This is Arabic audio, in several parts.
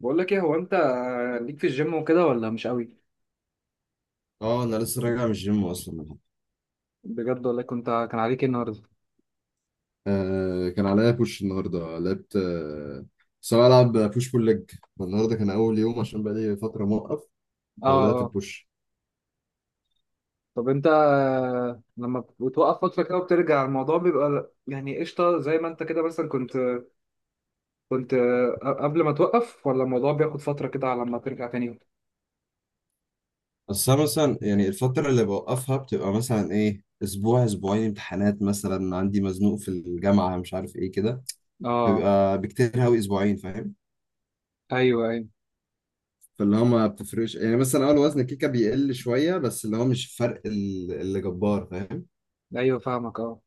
بقول لك ايه، هو انت ليك في الجيم وكده ولا مش قوي؟ اه انا لسه راجع من الجيم اصلا. بجد؟ ولا كنت، كان عليك ايه النهارده؟ آه، كان عليا بوش النهارده، لعبت. بس انا بلعب بوش بول ليج. النهارده كان اول يوم عشان بقالي فتره موقف، اه. فبدات اه. ببوش. طب انت لما بتوقف فتره كده وبترجع، الموضوع بيبقى يعني قشطه زي ما انت كده مثلا كنت قبل ما توقف، ولا الموضوع بياخد فتره كده على ما ترجع تاني؟ بس أنا مثلا يعني الفتره اللي بوقفها بتبقى مثلا ايه اسبوع اسبوعين، امتحانات مثلا عندي، مزنوق في الجامعه، مش عارف ايه كده. اه. بيبقى بكتير قوي اسبوعين، فاهم؟ ايوه ايوه. فاللي هو ما بتفرقش يعني، مثلا اول وزن الكيكه بيقل شويه، بس اللي هو مش فرق اللي جبار، فاهم؟ ايوه فاهمك اه.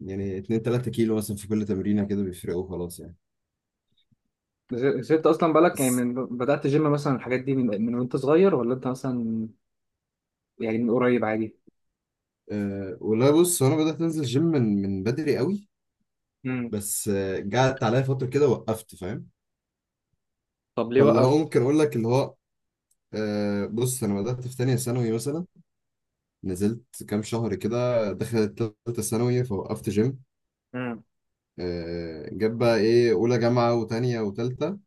يعني 2 3 كيلو مثلا في كل تمرينه كده بيفرقوا خلاص يعني. بس انت اصلا بالك يعني بس من بدأت جيم مثلا الحاجات دي من وانت صغير، ولا انت مثلا يعني من قريب عادي؟ والله بص، هو انا بدأت انزل جيم من بدري قوي. امم. بس جات عليا فترة كده وقفت، فاهم؟ طب ليه فاللي هو وقفت؟ ممكن اقول لك اللي هو، أه، بص، انا بدأت في تانية ثانوي مثلا. نزلت كام شهر كده، دخلت تالتة ثانوي فوقفت جيم. امم. أه، جاب بقى ايه، اولى جامعة وتانية وتالتة،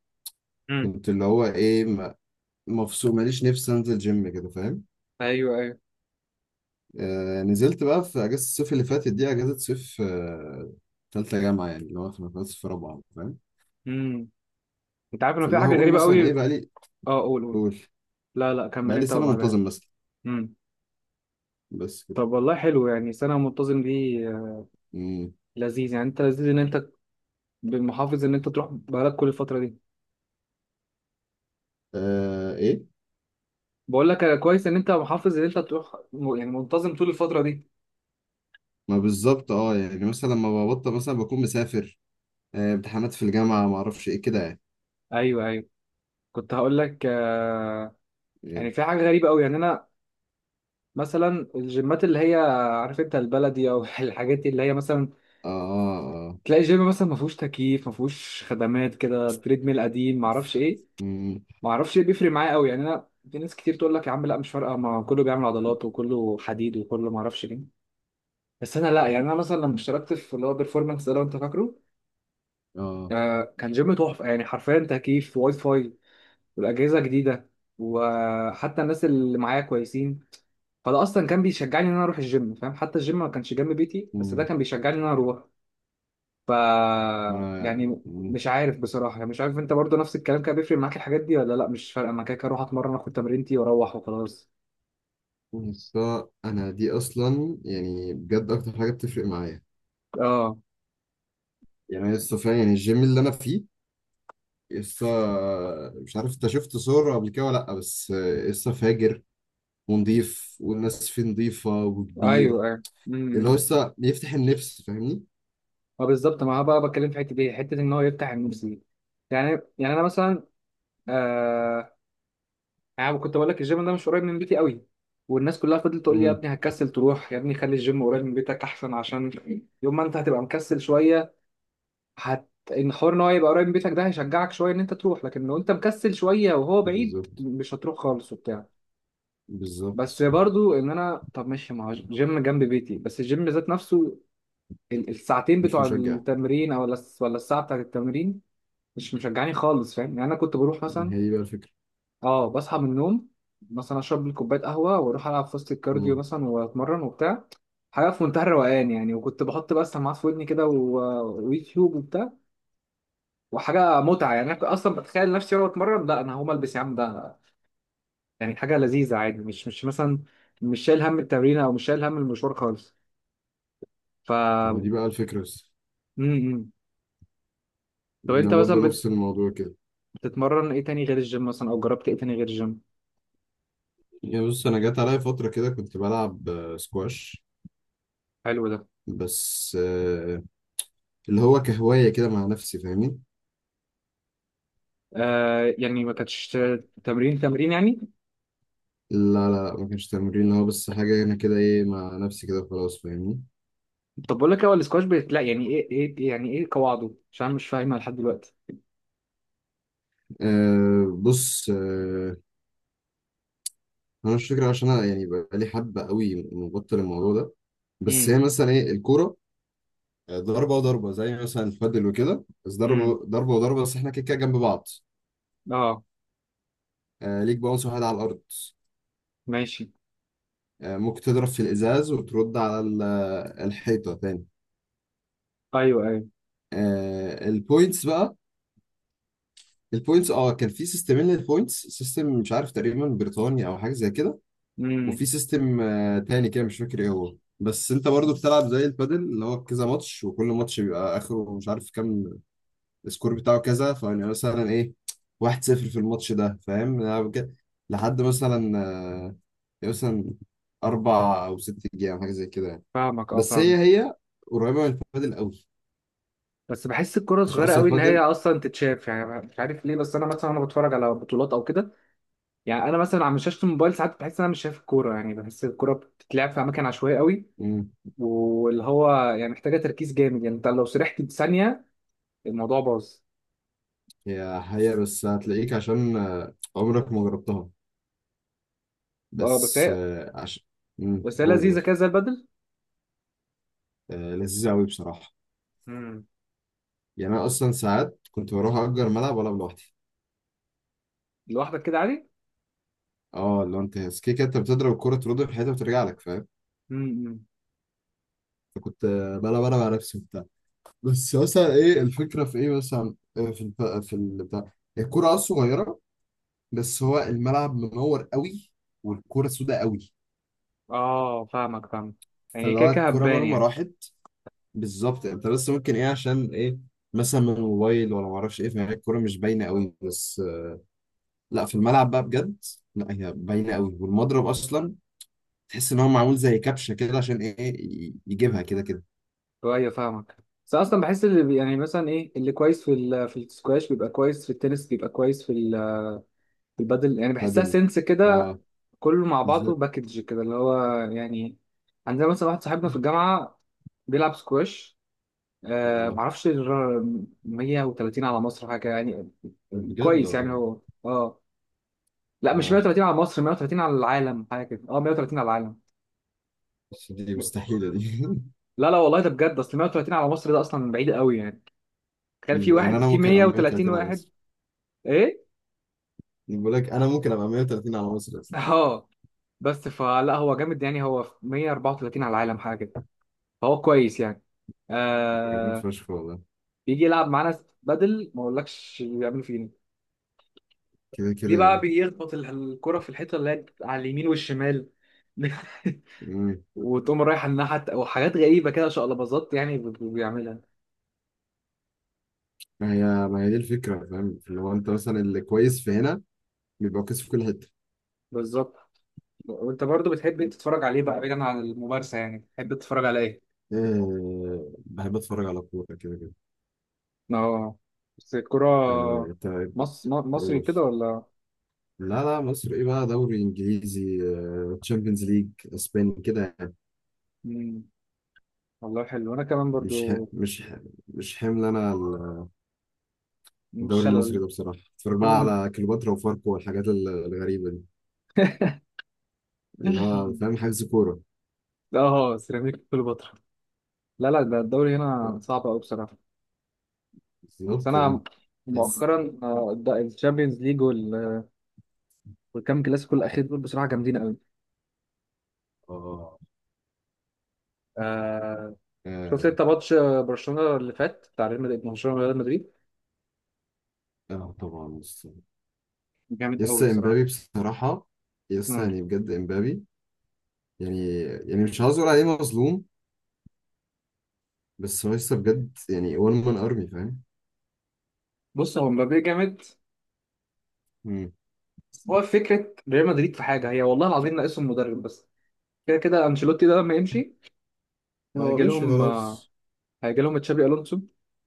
امم. كنت اللي هو ايه مفصول، ماليش نفسي انزل جيم كده، فاهم؟ ايوه ايوه. أه، نزلت بقى في اجازة الصيف اللي فاتت دي، اجازة صيف تالتة جامعة، يعني اللي هو في رابعة، فاهم؟ امم. انت عارف انه في اللي حاجه هقول غريبه مثلا قوي. ايه، بقالي... اه قول قول. قول. لا لا كمل بقالي انت سنة منتظم وبعدها. مثلا. امم. بس كده. طب والله حلو يعني سنه منتظم دي آه،. مم. لذيذ يعني، انت لذيذ ان انت بالمحافظ ان انت تروح بقالك كل الفتره دي. آه، ايه. بقول لك كويس ان انت محافظ ان انت تروح يعني منتظم طول الفتره دي. ما بالظبط، اه، يعني مثلا لما ببطل مثلا بكون مسافر، آه، امتحانات في الجامعة، ما اعرفش ايه كده يعني. ايوه ايوه. كنت هقول لك إيه. يعني في حاجه غريبه قوي، يعني انا مثلا الجيمات اللي هي، عارف انت البلدي او الحاجات اللي هي مثلا اه، اه، اه. تلاقي جيم مثلا ما فيهوش تكييف، ما فيهوش خدمات، كده تريد ميل قديم، ما اعرفش ايه. مم. ما اعرفش ليه بيفرق معايا قوي يعني، انا في ناس كتير تقول لك يا عم لا مش فارقه، ما كله بيعمل عضلات وكله حديد وكله، ما اعرفش ليه. بس انا لا، يعني انا مثلا لما اشتركت في اللي هو بيرفورمانس ده لو انت فاكره، اه. آه كان جيم تحفه يعني، حرفيا تكييف، واي فاي، والاجهزه جديده، وحتى الناس اللي معايا كويسين. فده اصلا كان بيشجعني ان انا اروح الجيم، فاهم، حتى الجيم ما كانش جنب بيتي، بس ده مم. كان بيشجعني ان انا اروح. ف ما انا، يعني مم. مش عارف بصراحه يعني، مش عارف انت برضو نفس الكلام كان بيفرق معاك الحاجات دي، ولا لا مش فارقه انا كده كده اروح اتمرن اخد تمرينتي واروح وخلاص. بس انا دي اصلا يعني بجد اكتر حاجة بتفرق معايا. اه. يعني أنا لسه فعلا، يعني الجيم اللي انا فيه لسه، مش عارف انت شفت صور قبل كده ولا لا، بس لسه فاجر ونضيف، والناس فيه نضيفة، وكبير، ايوه ايوه. امم. اللي هو امم. لسه بيفتح النفس، فاهمني؟ ما بالظبط، ما هو بقى بتكلم في حته دي، حته ان هو يفتح النفس دي. يعني، يعني انا مثلا، آه انا كنت بقول لك الجيم ده مش قريب من بيتي قوي، والناس كلها فضلت تقول لي يا امم. ابني هتكسل تروح، يا ابني خلي الجيم قريب من بيتك احسن، عشان يوم ما انت هتبقى مكسل شويه، هت ان حوار ان هو يبقى قريب من بيتك ده هيشجعك شويه ان انت تروح، لكن لو انت مكسل شويه وهو بعيد بالظبط، مش هتروح خالص وبتاع. بس بالظبط. برضو ان انا، طب ماشي ما هو جيم جنب بيتي، بس الجيم ذات نفسه، الساعتين مش بتوع مشجع. التمرين، او ولا الساعه بتاعت التمرين، مش مشجعاني خالص، فاهم يعني. انا كنت بروح مثلا، هي دي بقى الفكرة. اه بصحى من النوم مثلا، اشرب لي كوبايه قهوه، واروح العب في وسط الكارديو امم. مثلا واتمرن وبتاع. حاجه في منتهى الروقان يعني، وكنت بحط بقى السماعات في ودني كده ويوتيوب وبتاع. وحاجه متعه يعني، انا كنت اصلا بتخيل نفسي وانا بتمرن لا انا هقوم البس يا عم ده، يعني حاجه لذيذه عادي. مش مثلا، مش شايل هم التمرين او مش شايل هم المشوار خالص. ف ما هو م- دي بقى الفكرة بس. م. طب انت يعني برضه مثلا نفس الموضوع كده. بتتمرن ايه تاني غير الجيم مثلا، او جربت ايه تاني غير الجيم؟ يعني بص، أنا جات عليا فترة كده كنت بلعب سكواش. حلو ده. بس اللي هو كهواية كده مع نفسي، فاهمين؟ آه يعني ما كانتش تمرين تمرين يعني. لا لا، ما كانش تمرين، هو بس حاجة أنا كده إيه مع نفسي كده خلاص، فاهمني؟ طب بقول لك إيه، هو السكواش بيت لا يعني ايه، ايه يعني ايه قواعده؟ عشان أنا مش فاهمها لحد دلوقتي. آه، بص، انا مش فاكر عشان انا يعني بقالي حبه قوي مبطل الموضوع ده. بس امم. هي مثلا ايه الكوره، ضربه وضربه، زي مثلا البادل وكده، بس امم. ضربه ضربه وضربه، بس احنا كده كده جنب بعض. اه. آه، ليك باونس واحد على الارض. ماشي. آه، ممكن تضرب في الازاز وترد على الحيطه تاني. ايوه ايوه. آه، البوينتس بقى. البوينتس كان في سيستمين للبوينتس، سيستم مش عارف تقريبا بريطاني او حاجه زي كده، امم. وفي سيستم تاني كده مش فاكر ايه هو. بس انت برضو بتلعب زي البادل، اللي هو كذا ماتش، وكل ماتش بيبقى اخره مش عارف كام السكور بتاعه كذا. فيعني مثلا ايه، 1-0 في الماتش ده، فاهم؟ أنا لحد مثلا مثلا أربع أو ست جيام حاجة زي كده يعني. فاهمك اه بس فاهمك. هي قريبة من الفادل قوي. بس بحس الكرة عشان صغيرة أصلا قوي ان هي الفادل. اصلا تتشاف، يعني مش عارف ليه، بس انا مثلا وانا بتفرج على بطولات او كده، يعني انا مثلا على شاشة الموبايل ساعات بحس ان انا مش شايف الكورة، يعني بحس الكورة بتتلعب في اماكن عشوائية قوي، مم، واللي هو يعني محتاجه تركيز جامد يعني، انت لو سرحت ثانيه الموضوع باظ. هي بس، هتلاقيك عشان عمرك ما جربتها. اه. بس بس هي عشان... بس هي قول، لذيذه قول. كده زي البدل. آه، لذيذة قوي بصراحة. امم. يعني أنا أصلا ساعات كنت بروح أجر ملعب وألعب لوحدي. لوحدك كده عادي؟ اه، لو أنت كده كده، أنت بتضرب الكورة ترد في حياتها وترجع لك، فاهم؟ امم. فكنت بلا بلا مع نفسي وبتاع. بس مثلا ايه الفكره، في ايه مثلا، في البتاع، الكوره صغيره، بس هو الملعب منور قوي، والكوره سوداء قوي. اه فاهمك فاهمك. يعني فاللي كده هو كده الكوره هبان مهما يعني. راحت. بالظبط. انت بس ممكن ايه عشان ايه، مثلا من الموبايل ولا ما اعرفش ايه، فهي الكوره مش باينه قوي، بس لا، في الملعب بقى بجد، لا هي باينه قوي. والمضرب اصلا تحس ان هو معمول زي كبشه كده عشان ايه يجيبها كده كده. ايوه فاهمك. بس اصلا بحس اللي يعني مثلا ايه، اللي كويس في ال... في السكواش بيبقى كويس في التنس، بيبقى كويس في ال... في البدل، يعني بحسها بدل. سنس كده، اه، كله مع بعضه بالظبط. باكج كده اللي هو يعني. عندنا مثلا واحد صاحبنا في الجامعه بيلعب سكواش آه اه، معرفش 130 على مصر حاجة يعني. بجد كويس يعني والله. هو اه. لا، مش اه، 130 على مصر، 130 على العالم حاجة كده، اه 130 على العالم. بس دي مستحيلة دي. لا لا والله ده بجد، اصل 130 على مصر ده اصلا بعيد قوي يعني، تخيل في يعني انا واحد في ممكن ابقى 130 130 على واحد. مصر. ايه. بقول لك انا ممكن ابقى 130 على مصر اصلا. اه. بس فلا هو جامد يعني، هو في 134 على العالم حاجة كده، فهو كويس يعني جميل آه. فشخ والله. بيجي يلعب معانا بدل ما اقولكش بيعمل فينا، كده ليه كده بقى يعني. بيخبط الكرة في الحيطة اللي هي على اليمين والشمال، مم. وتقوم رايح على الناحية وحاجات غريبة كده، شقلباظات يعني بيعملها. ما هي دي الفكرة، فاهم؟ اللي هو انت مثلا اللي كويس في هنا بيبقى كويس في كل حتة. بالظبط. وانت برضو بتحب إيه تتفرج عليه بقى بعيدا عن الممارسة، يعني بتحب تتفرج على ايه؟ أه، بحب اتفرج على كورة كده كده. اه. بس يعني الكرة انت، مصري كده أوف. ولا؟ لا لا، مصر ايه بقى، دوري انجليزي، تشامبيونز ليج، اسباني كده يعني. مم. والله حلو، انا كمان مش ح... برضو. مش ح... مش حمل انا مش الدوري المصري شلل. ده بصراحة. اتفرج بقى على كليوباترا وفاركو والحاجات الغريبة دي، اللي هو فاهم حجز كورة. اه سيراميك كليوباترا. لا لا ده الدوري هنا آه، صعب قوي بصراحة. بس بالظبط انا يعني. تحس. مؤخرا الشامبيونز ليج والكام كلاسيكو الاخير دول بصراحة جامدين قوي. اه، شفت اه، انت ماتش برشلونه اللي فات بتاع ريال مدريد، برشلونه وريال مدريد؟ آه، طبعا لسه. جامد قوي لسه بصراحه. امبابي بصراحة، لسه مم. يعني بجد امبابي. يعني مش عاوز اقول عليه مظلوم، بس هو لسه بجد يعني، وان مان ارمي، فاهم؟ بص هو مبابي جامد، مم. بس هو فكره ريال مدريد في حاجه هي والله العظيم ناقصهم مدرب بس، كده كده انشيلوتي ده لما يمشي هو هيجي مشي لهم خلاص. هيجي لهم تشابي الونسو،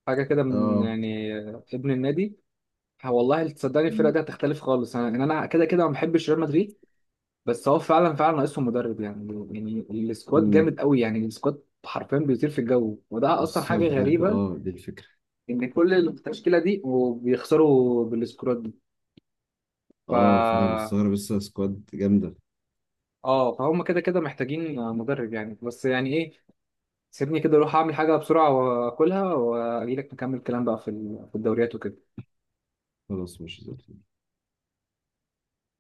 حاجه كده من اه. يعني آه، ابن النادي. والله تصدقني الفرقه مم. دي هتختلف خالص، انا يعني انا كده كده ما بحبش ريال مدريد، بس هو فعلا فعلا ناقصهم مدرب يعني. يعني السكواد مم. جامد قوي، يعني السكواد حرفيا بيطير في الجو وده اصلا لسه حاجه بجد، غريبه، دي الفكرة. ان كل التشكيله دي وبيخسروا بالسكواد دي. ف اه، فانا مستغرب، لسه سكواد جامدة. اه، فهم كده كده محتاجين مدرب يعني. بس يعني ايه، سيبني كده اروح اعمل حاجه بسرعه واكلها واجي لك نكمل الكلام بقى في ال- في الدوريات وكده. خلاص، مش زي